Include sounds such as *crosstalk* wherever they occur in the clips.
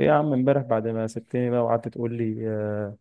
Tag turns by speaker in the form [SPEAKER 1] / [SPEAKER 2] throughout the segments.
[SPEAKER 1] ايه يا عم امبارح بعد ما سبتني بقى وقعدت تقول لي،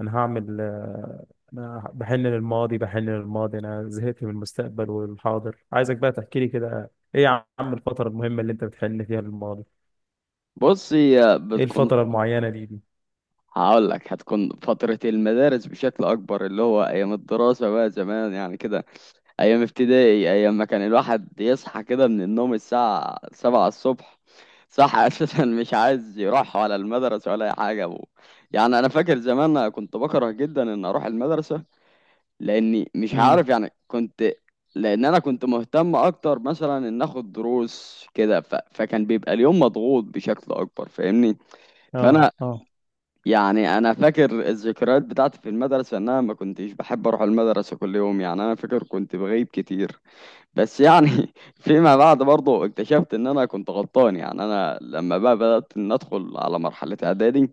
[SPEAKER 1] انا هعمل، انا بحن للماضي بحن للماضي. انا زهقت من المستقبل والحاضر. عايزك بقى تحكي لي كده، ايه يا عم الفترة المهمة اللي انت بتحن فيها للماضي؟
[SPEAKER 2] بص هي
[SPEAKER 1] ايه
[SPEAKER 2] بتكون
[SPEAKER 1] الفترة المعينة دي؟
[SPEAKER 2] هقول لك هتكون فترة المدارس بشكل أكبر، اللي هو أيام الدراسة بقى زمان يعني كده، أيام ابتدائي، أيام ما كان الواحد يصحى كده من النوم الساعة 7 الصبح، صح. *laughs* أساسا مش عايز يروح ولا المدرسة ولا أي حاجة يعني أنا فاكر زمان أنا كنت بكره جدا إن أروح المدرسة، لأني مش
[SPEAKER 1] امم.
[SPEAKER 2] عارف، يعني كنت. لأن أنا كنت مهتم أكتر مثلا إن آخد دروس كده، فكان بيبقى اليوم مضغوط بشكل أكبر، فاهمني؟
[SPEAKER 1] اه
[SPEAKER 2] فانا،
[SPEAKER 1] اه.
[SPEAKER 2] يعني انا فاكر الذكريات بتاعتي في المدرسه، ان انا ما كنتش بحب اروح المدرسه كل يوم، يعني انا فاكر كنت بغيب كتير. بس يعني *laughs* فيما بعد برضه اكتشفت ان انا كنت غلطان. يعني انا لما بقى بدات ان ادخل على مرحله اعدادي،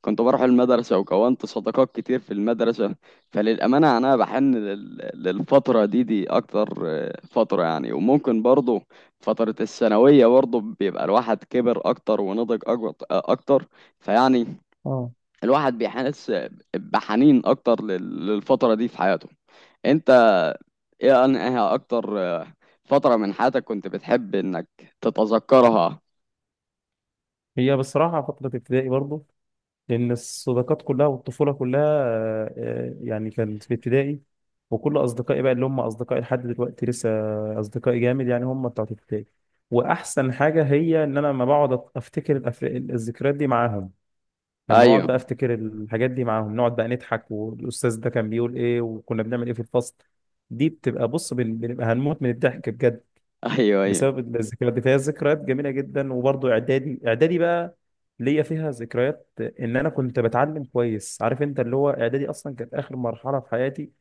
[SPEAKER 2] كنت بروح المدرسه وكونت صداقات كتير في المدرسه. فللامانه انا بحن للفتره دي اكتر، آه، فتره يعني، وممكن برضه فتره الثانويه برضه بيبقى الواحد كبر اكتر ونضج اكتر، فيعني
[SPEAKER 1] اه،
[SPEAKER 2] الواحد بيحس بحنين اكتر للفترة دي في حياته. انت ايه، انها اكتر آه، فترة من حياتك كنت بتحب انك تتذكرها؟
[SPEAKER 1] هي بصراحة فترة ابتدائي برضو. لأن الصداقات كلها والطفولة كلها، يعني كانت في ابتدائي. وكل أصدقائي بقى اللي هم أصدقائي لحد دلوقتي لسه أصدقائي جامد، يعني هم بتوع ابتدائي. وأحسن حاجة هي إن أنا لما بقعد أفتكر الذكريات دي معاهم. لما بقعد
[SPEAKER 2] ايوه،
[SPEAKER 1] بقى أفتكر الحاجات دي معاهم نقعد بقى نضحك، والأستاذ ده كان بيقول إيه، وكنا بنعمل إيه في الفصل. دي بتبقى، بص، بنبقى هنموت من الضحك بجد
[SPEAKER 2] ايوه، ايوه،
[SPEAKER 1] بسبب الذكريات دي. فهي ذكريات جميله جدا. وبرضه اعدادي، اعدادي بقى ليا فيها ذكريات ان انا كنت بتعلم كويس، عارف انت، اللي هو اعدادي اصلا كانت اخر مرحله في حياتي.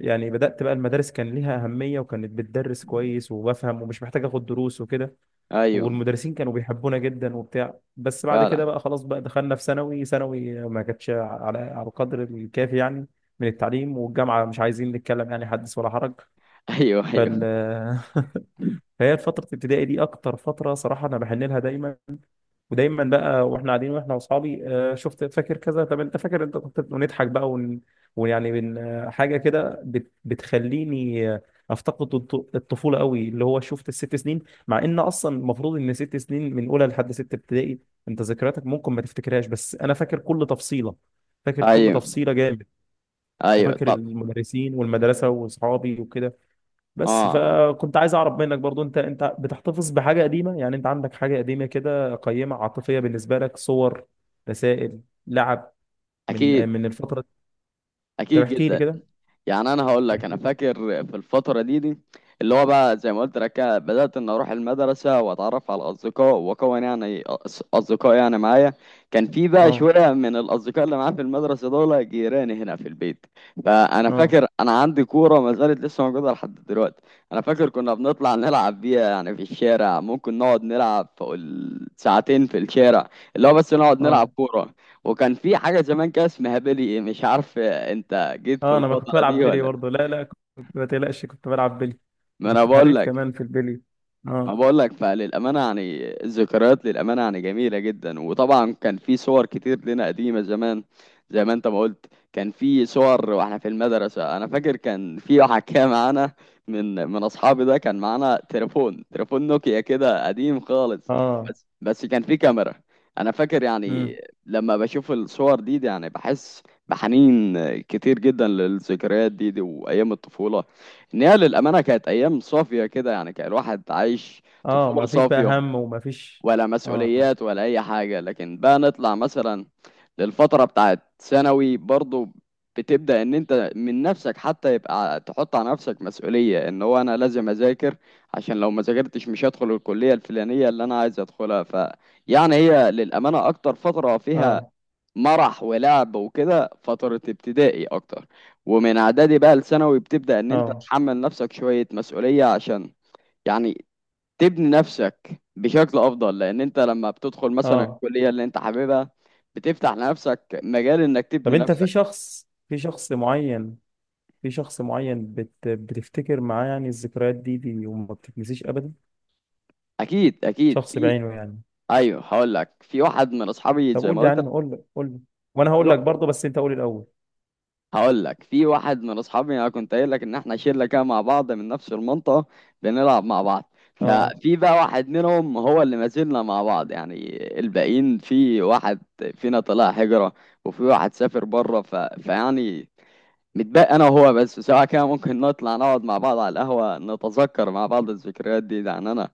[SPEAKER 1] يعني بدات بقى المدارس كان ليها اهميه، وكانت بتدرس كويس وبفهم ومش محتاج اخد دروس وكده.
[SPEAKER 2] ايوه.
[SPEAKER 1] والمدرسين كانوا بيحبونا جدا وبتاع. بس بعد كده
[SPEAKER 2] فعلا.
[SPEAKER 1] بقى خلاص، بقى دخلنا في ثانوي، ثانوي ما كانتش على القدر الكافي يعني من التعليم. والجامعه مش عايزين نتكلم، يعني حدث ولا حرج.
[SPEAKER 2] ايوه، ايوه،
[SPEAKER 1] فال *laughs* فهي فترة ابتدائي دي أكتر فترة صراحة أنا بحن لها دايما. ودايما بقى وإحنا قاعدين وإحنا وأصحابي، شفت فاكر كذا، طب أنت فاكر أنت كنت، ونضحك بقى ويعني من، حاجة كده بتخليني، أفتقد الطفولة قوي. اللي هو شفت الست سنين، مع إن أصلا المفروض إن 6 سنين من أولى لحد ستة ابتدائي، أنت ذكرياتك ممكن ما تفتكرهاش، بس أنا فاكر كل تفصيلة. فاكر كل
[SPEAKER 2] ايوه،
[SPEAKER 1] تفصيلة جامد.
[SPEAKER 2] ايوه،
[SPEAKER 1] وفاكر
[SPEAKER 2] طب.
[SPEAKER 1] المدرسين والمدرسة وأصحابي وكده. بس
[SPEAKER 2] اه.
[SPEAKER 1] فكنت عايز اعرف منك برضو، انت بتحتفظ بحاجه قديمه؟ يعني انت عندك حاجه قديمه كده قيمه عاطفيه بالنسبه لك، صور، رسائل، لعب،
[SPEAKER 2] اكيد،
[SPEAKER 1] من الفتره دي؟ طب
[SPEAKER 2] اكيد
[SPEAKER 1] احكي لي
[SPEAKER 2] جدا.
[SPEAKER 1] كده.
[SPEAKER 2] يعني انا هقول لك،
[SPEAKER 1] احكي
[SPEAKER 2] انا
[SPEAKER 1] لي.
[SPEAKER 2] فاكر في الفتره دي، اللي هو بقى زي ما قلت لك كده، بدات ان اروح المدرسه واتعرف على الاصدقاء، واكون يعني اصدقاء يعني معايا. كان في بقى
[SPEAKER 1] اه
[SPEAKER 2] شويه من الاصدقاء اللي معايا في المدرسه دول جيراني هنا في البيت. فانا
[SPEAKER 1] اه.
[SPEAKER 2] فاكر انا عندي كوره ما زالت لسه موجوده لحد دلوقتي. انا فاكر كنا بنطلع نلعب بيها يعني في الشارع، ممكن نقعد نلعب فوق ساعتين في الشارع، اللي هو بس نقعد نلعب
[SPEAKER 1] اه
[SPEAKER 2] كوره. وكان في حاجة زمان كده اسمها بيلي، إيه، مش عارف انت جيت في
[SPEAKER 1] اه. انا ما كنت
[SPEAKER 2] الفترة
[SPEAKER 1] بلعب
[SPEAKER 2] دي
[SPEAKER 1] بيلي
[SPEAKER 2] ولا
[SPEAKER 1] برضو،
[SPEAKER 2] لأ.
[SPEAKER 1] لا لا، كنت، ما تقلقش كنت بلعب بيلي.
[SPEAKER 2] ما انا
[SPEAKER 1] وكنت
[SPEAKER 2] بقول
[SPEAKER 1] حريف
[SPEAKER 2] لك،
[SPEAKER 1] كمان في البيلي.
[SPEAKER 2] ما
[SPEAKER 1] اه
[SPEAKER 2] بقول لك، فللأمانة يعني الذكريات للأمانة يعني جميلة جدا. وطبعا كان في صور كتير لنا قديمة زمان، زي ما انت ما قلت. كان في صور واحنا في المدرسة، انا فاكر كان في واحد كان معانا، من اصحابي ده، كان معانا تليفون، تليفون نوكيا كده قديم خالص،
[SPEAKER 1] اه.
[SPEAKER 2] بس كان في كاميرا. انا فاكر يعني
[SPEAKER 1] امم.
[SPEAKER 2] لما بشوف الصور دي يعني بحس بحنين كتير جدا للذكريات دي وايام الطفولة، ان هي للامانه كانت ايام صافيه كده، يعني كان الواحد عايش
[SPEAKER 1] اه.
[SPEAKER 2] طفوله
[SPEAKER 1] ما فيش بقى
[SPEAKER 2] صافيه،
[SPEAKER 1] هم وما فيش.
[SPEAKER 2] ولا
[SPEAKER 1] اه
[SPEAKER 2] مسؤوليات ولا اي حاجه. لكن بقى نطلع مثلا للفتره بتاعت ثانوي برضو، بتبدا ان انت من نفسك حتى يبقى تحط على نفسك مسؤوليه، ان هو انا لازم اذاكر عشان لو ما ذاكرتش مش هدخل الكليه الفلانيه اللي انا عايز ادخلها. ف يعني هي للامانه اكتر فتره فيها
[SPEAKER 1] اه.
[SPEAKER 2] مرح ولعب وكده فترة ابتدائي أكتر، ومن إعدادي بقى لثانوي بتبدأ إن أنت
[SPEAKER 1] اه
[SPEAKER 2] تحمل نفسك شوية مسؤولية عشان يعني تبني نفسك بشكل أفضل، لأن أنت لما بتدخل مثلا
[SPEAKER 1] اه.
[SPEAKER 2] الكلية اللي أنت حاببها بتفتح لنفسك مجال إنك
[SPEAKER 1] طب
[SPEAKER 2] تبني
[SPEAKER 1] انت في
[SPEAKER 2] نفسك.
[SPEAKER 1] شخص، في شخص معين بتفتكر معاه يعني الذكريات دي وما بتتنسيش ابدا،
[SPEAKER 2] أكيد، أكيد
[SPEAKER 1] شخص
[SPEAKER 2] في.
[SPEAKER 1] بعينه يعني؟
[SPEAKER 2] أيوه، هقول لك في واحد من أصحابي
[SPEAKER 1] طب
[SPEAKER 2] زي
[SPEAKER 1] قول
[SPEAKER 2] ما
[SPEAKER 1] لي
[SPEAKER 2] قلت
[SPEAKER 1] عنه، قول لي، قول لي. وانا هقول
[SPEAKER 2] لك.
[SPEAKER 1] لك برضه، بس انت قول الاول.
[SPEAKER 2] هقول لك في واحد من اصحابي، انا كنت قايل لك ان احنا شله كده مع بعض من نفس المنطقه، بنلعب مع بعض،
[SPEAKER 1] اه
[SPEAKER 2] ففي بقى واحد منهم هو اللي ما زلنا مع بعض. يعني الباقيين في واحد فينا طلع هجره، وفي واحد سافر بره، فيعني متبقى انا وهو بس سواء، كده ممكن نطلع نقعد مع بعض على القهوه، نتذكر مع بعض الذكريات دي. يعني انا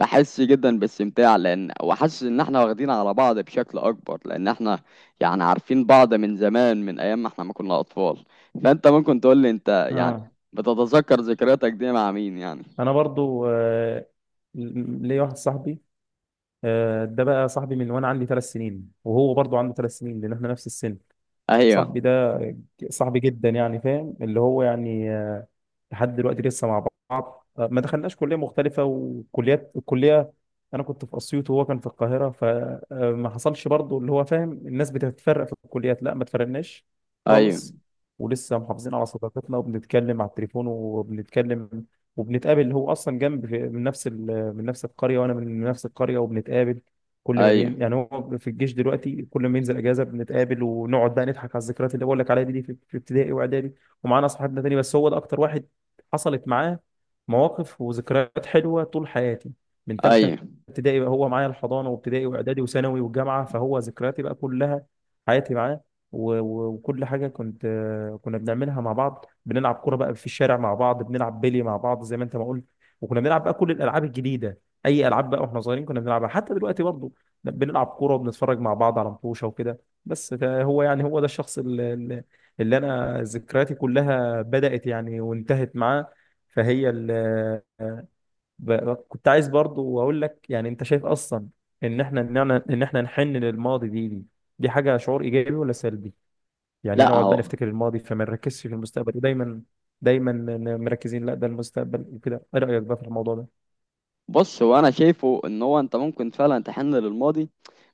[SPEAKER 2] بحس جدا باستمتاع، لان وحاسس ان احنا واخدين على بعض بشكل اكبر، لان احنا يعني عارفين بعض من زمان، من ايام ما احنا ما كنا اطفال. فانت ممكن تقول لي، انت يعني
[SPEAKER 1] اه.
[SPEAKER 2] بتتذكر ذكرياتك دي مع مين يعني؟
[SPEAKER 1] انا برضه، ليا واحد صاحبي. ده بقى صاحبي من وانا عندي 3 سنين، وهو برضو عنده 3 سنين، لان احنا نفس السن.
[SPEAKER 2] ايوه،
[SPEAKER 1] صاحبي ده صاحبي جدا يعني، فاهم اللي هو يعني، لحد دلوقتي لسه مع بعض، ما دخلناش كلية مختلفة وكليات. الكلية أنا كنت في أسيوط وهو كان في القاهرة، فما حصلش برضو اللي هو فاهم الناس بتتفرق في الكليات، لا ما اتفرقناش
[SPEAKER 2] ايوه،
[SPEAKER 1] خالص. ولسه محافظين على صداقتنا، وبنتكلم على التليفون، وبنتكلم وبنتقابل. هو أصلا جنب من نفس من نفس القرية، وأنا من نفس القرية، وبنتقابل كل ما
[SPEAKER 2] ايوه،
[SPEAKER 1] بين، يعني هو في الجيش دلوقتي، كل ما ينزل اجازه بنتقابل ونقعد بقى نضحك على الذكريات اللي بقول لك عليها دي، في ابتدائي واعدادي. ومعانا اصحابنا تاني، بس هو ده اكتر واحد حصلت معاه مواقف وذكريات حلوة طول حياتي. من تالتة
[SPEAKER 2] ايوه.
[SPEAKER 1] ابتدائي بقى هو معايا، الحضانة وابتدائي وإعدادي وثانوي والجامعة، فهو ذكرياتي بقى كلها حياتي معاه. وكل حاجة كنت، كنا بنعملها مع بعض، بنلعب كورة بقى في الشارع مع بعض، بنلعب بيلي مع بعض زي ما أنت ما قلت. وكنا بنلعب بقى كل الألعاب الجديدة، أي ألعاب بقى وإحنا صغيرين كنا بنلعبها، حتى دلوقتي برضه بنلعب كورة وبنتفرج مع بعض على مطوشة وكده. بس هو يعني، هو ده الشخص اللي أنا ذكرياتي كلها بدأت يعني وانتهت معاه. فهي ال كنت عايز برضو اقول لك يعني، انت شايف اصلا ان احنا نحن للماضي دي حاجه، شعور ايجابي ولا سلبي؟ يعني
[SPEAKER 2] لا
[SPEAKER 1] نقعد بقى
[SPEAKER 2] هو،
[SPEAKER 1] نفتكر الماضي فما نركزش في المستقبل، ودايما دايما، مركزين لا ده المستقبل وكده، ايه رايك بقى في الموضوع ده؟
[SPEAKER 2] بص هو انا شايفه ان هو انت ممكن فعلا تحن للماضي،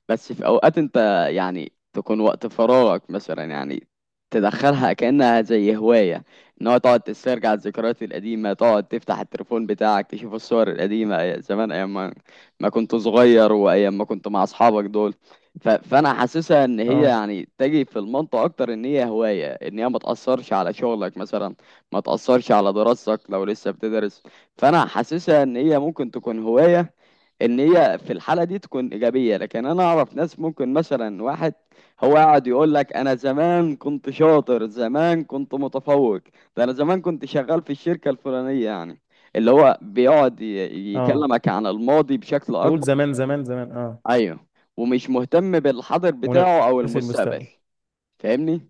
[SPEAKER 2] بس في اوقات انت يعني تكون وقت فراغك مثلا، يعني تدخلها كأنها زي هواية، ان هو تقعد تسترجع الذكريات القديمة، تقعد تفتح التليفون بتاعك تشوف الصور القديمة، زمان ايام ما ما كنت صغير، وايام ما كنت مع اصحابك دول. فانا حاسسها ان هي
[SPEAKER 1] اه
[SPEAKER 2] يعني تجي في المنطقة اكتر ان هي هواية، ان هي ما تأثرش على شغلك مثلا، ما تأثرش على دراستك لو لسه بتدرس. فانا حاسسها ان هي ممكن تكون هواية، ان هي في الحاله دي تكون ايجابيه. لكن انا اعرف ناس ممكن مثلا، واحد هو قاعد يقول لك انا زمان كنت شاطر، زمان كنت متفوق، ده انا زمان كنت شغال في الشركه الفلانيه، يعني اللي هو بيقعد
[SPEAKER 1] اه.
[SPEAKER 2] يكلمك عن الماضي بشكل
[SPEAKER 1] يقول
[SPEAKER 2] اكبر،
[SPEAKER 1] زمان زمان زمان اه.
[SPEAKER 2] ايوه، ومش مهتم بالحاضر
[SPEAKER 1] ونفس
[SPEAKER 2] بتاعه او المستقبل،
[SPEAKER 1] المستقبل.
[SPEAKER 2] فاهمني.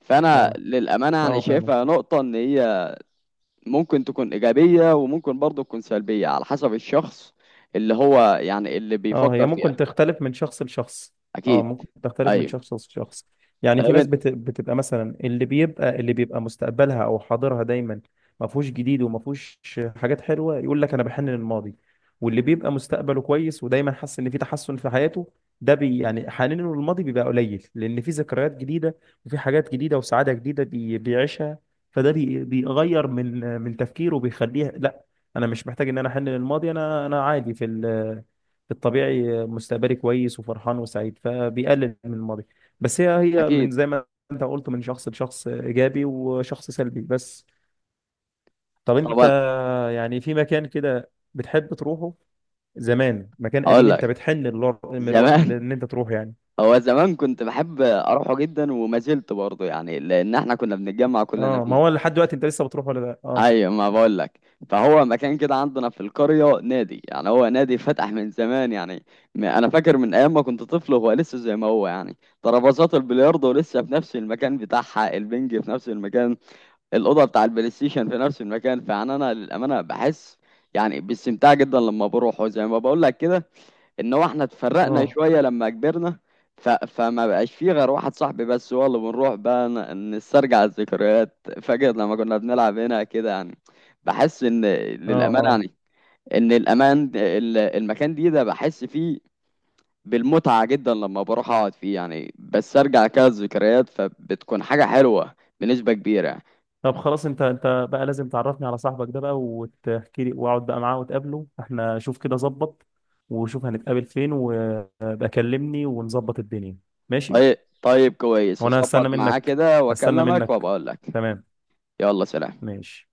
[SPEAKER 2] فانا
[SPEAKER 1] اه
[SPEAKER 2] للامانه يعني
[SPEAKER 1] اه فاهم.
[SPEAKER 2] شايفها نقطه ان هي ممكن تكون ايجابيه وممكن برضه تكون سلبيه، على حسب الشخص اللي هو يعني اللي
[SPEAKER 1] اه، هي
[SPEAKER 2] بيفكر
[SPEAKER 1] ممكن
[SPEAKER 2] فيها.
[SPEAKER 1] تختلف من شخص لشخص. اه ممكن
[SPEAKER 2] اكيد.
[SPEAKER 1] تختلف من
[SPEAKER 2] ايوه.
[SPEAKER 1] شخص لشخص. يعني في
[SPEAKER 2] طيب
[SPEAKER 1] ناس
[SPEAKER 2] انت،
[SPEAKER 1] بتبقى مثلا، اللي بيبقى، مستقبلها او حاضرها دايما ما فيهوش جديد وما فيهوش حاجات حلوه، يقول لك انا بحن للماضي. واللي بيبقى مستقبله كويس ودايما حاسس ان في تحسن في حياته، ده يعني حنينه للماضي بيبقى قليل لان في ذكريات جديده وفي حاجات جديده وسعاده جديده بيعيشها. فده بيغير من تفكيره وبيخليه، لا انا مش محتاج ان انا احن للماضي، انا عادي في الطبيعي، مستقبلي كويس وفرحان وسعيد فبيقلل من الماضي. بس هي من
[SPEAKER 2] اكيد،
[SPEAKER 1] زي ما انت قلت، من شخص لشخص ايجابي وشخص سلبي بس. طب انت
[SPEAKER 2] طبعا.
[SPEAKER 1] يعني في مكان كده بتحب تروحه زمان، مكان قديم
[SPEAKER 2] هقول
[SPEAKER 1] انت
[SPEAKER 2] لك،
[SPEAKER 1] بتحن
[SPEAKER 2] زمان،
[SPEAKER 1] لان انت تروح يعني؟
[SPEAKER 2] هو زمان كنت بحب اروحه جدا، وما زلت برضه يعني، لان احنا كنا بنتجمع كلنا
[SPEAKER 1] اه، ما
[SPEAKER 2] فيه.
[SPEAKER 1] هو لحد دلوقتي انت لسه بتروح ولا لا؟ اه.
[SPEAKER 2] ايوه، ما بقول لك، فهو مكان كده عندنا في القريه، نادي، يعني هو نادي فتح من زمان يعني. انا فاكر من ايام ما كنت طفل هو لسه زي ما هو يعني، ترابيزات البلياردو لسه في نفس المكان بتاعها، البنج في نفس المكان، الاوضه بتاع البلاي ستيشن في نفس المكان. فيعني انا للامانه بحس يعني باستمتاع جدا لما بروح، وزي ما بقول لك كده ان هو احنا اتفرقنا
[SPEAKER 1] اه
[SPEAKER 2] شويه لما كبرنا، فما بقاش فيه غير واحد صاحبي بس هو اللي بنروح بقى نسترجع الذكريات، فاكر لما كنا بنلعب هنا كده يعني. بحس ان
[SPEAKER 1] اه.
[SPEAKER 2] للامانه
[SPEAKER 1] اه
[SPEAKER 2] يعني ان المكان دي ده بحس فيه بالمتعه جدا لما بروح اقعد فيه، يعني بسترجع كده الذكريات، فبتكون حاجه حلوه بنسبه كبيره يعني.
[SPEAKER 1] طب خلاص، انت بقى لازم تعرفني على صاحبك ده بقى وتحكي لي، واقعد بقى معاه وتقابله احنا، شوف كده ظبط، وشوف هنتقابل فين، وابقى كلمني ونظبط الدنيا، ماشي؟
[SPEAKER 2] طيب، طيب، كويس،
[SPEAKER 1] وانا
[SPEAKER 2] هظبط
[SPEAKER 1] هستنى
[SPEAKER 2] معاه
[SPEAKER 1] منك،
[SPEAKER 2] كده
[SPEAKER 1] هستنى
[SPEAKER 2] واكلمك
[SPEAKER 1] منك.
[SPEAKER 2] وابقى اقول لك.
[SPEAKER 1] تمام.
[SPEAKER 2] يلا سلام.
[SPEAKER 1] ماشي.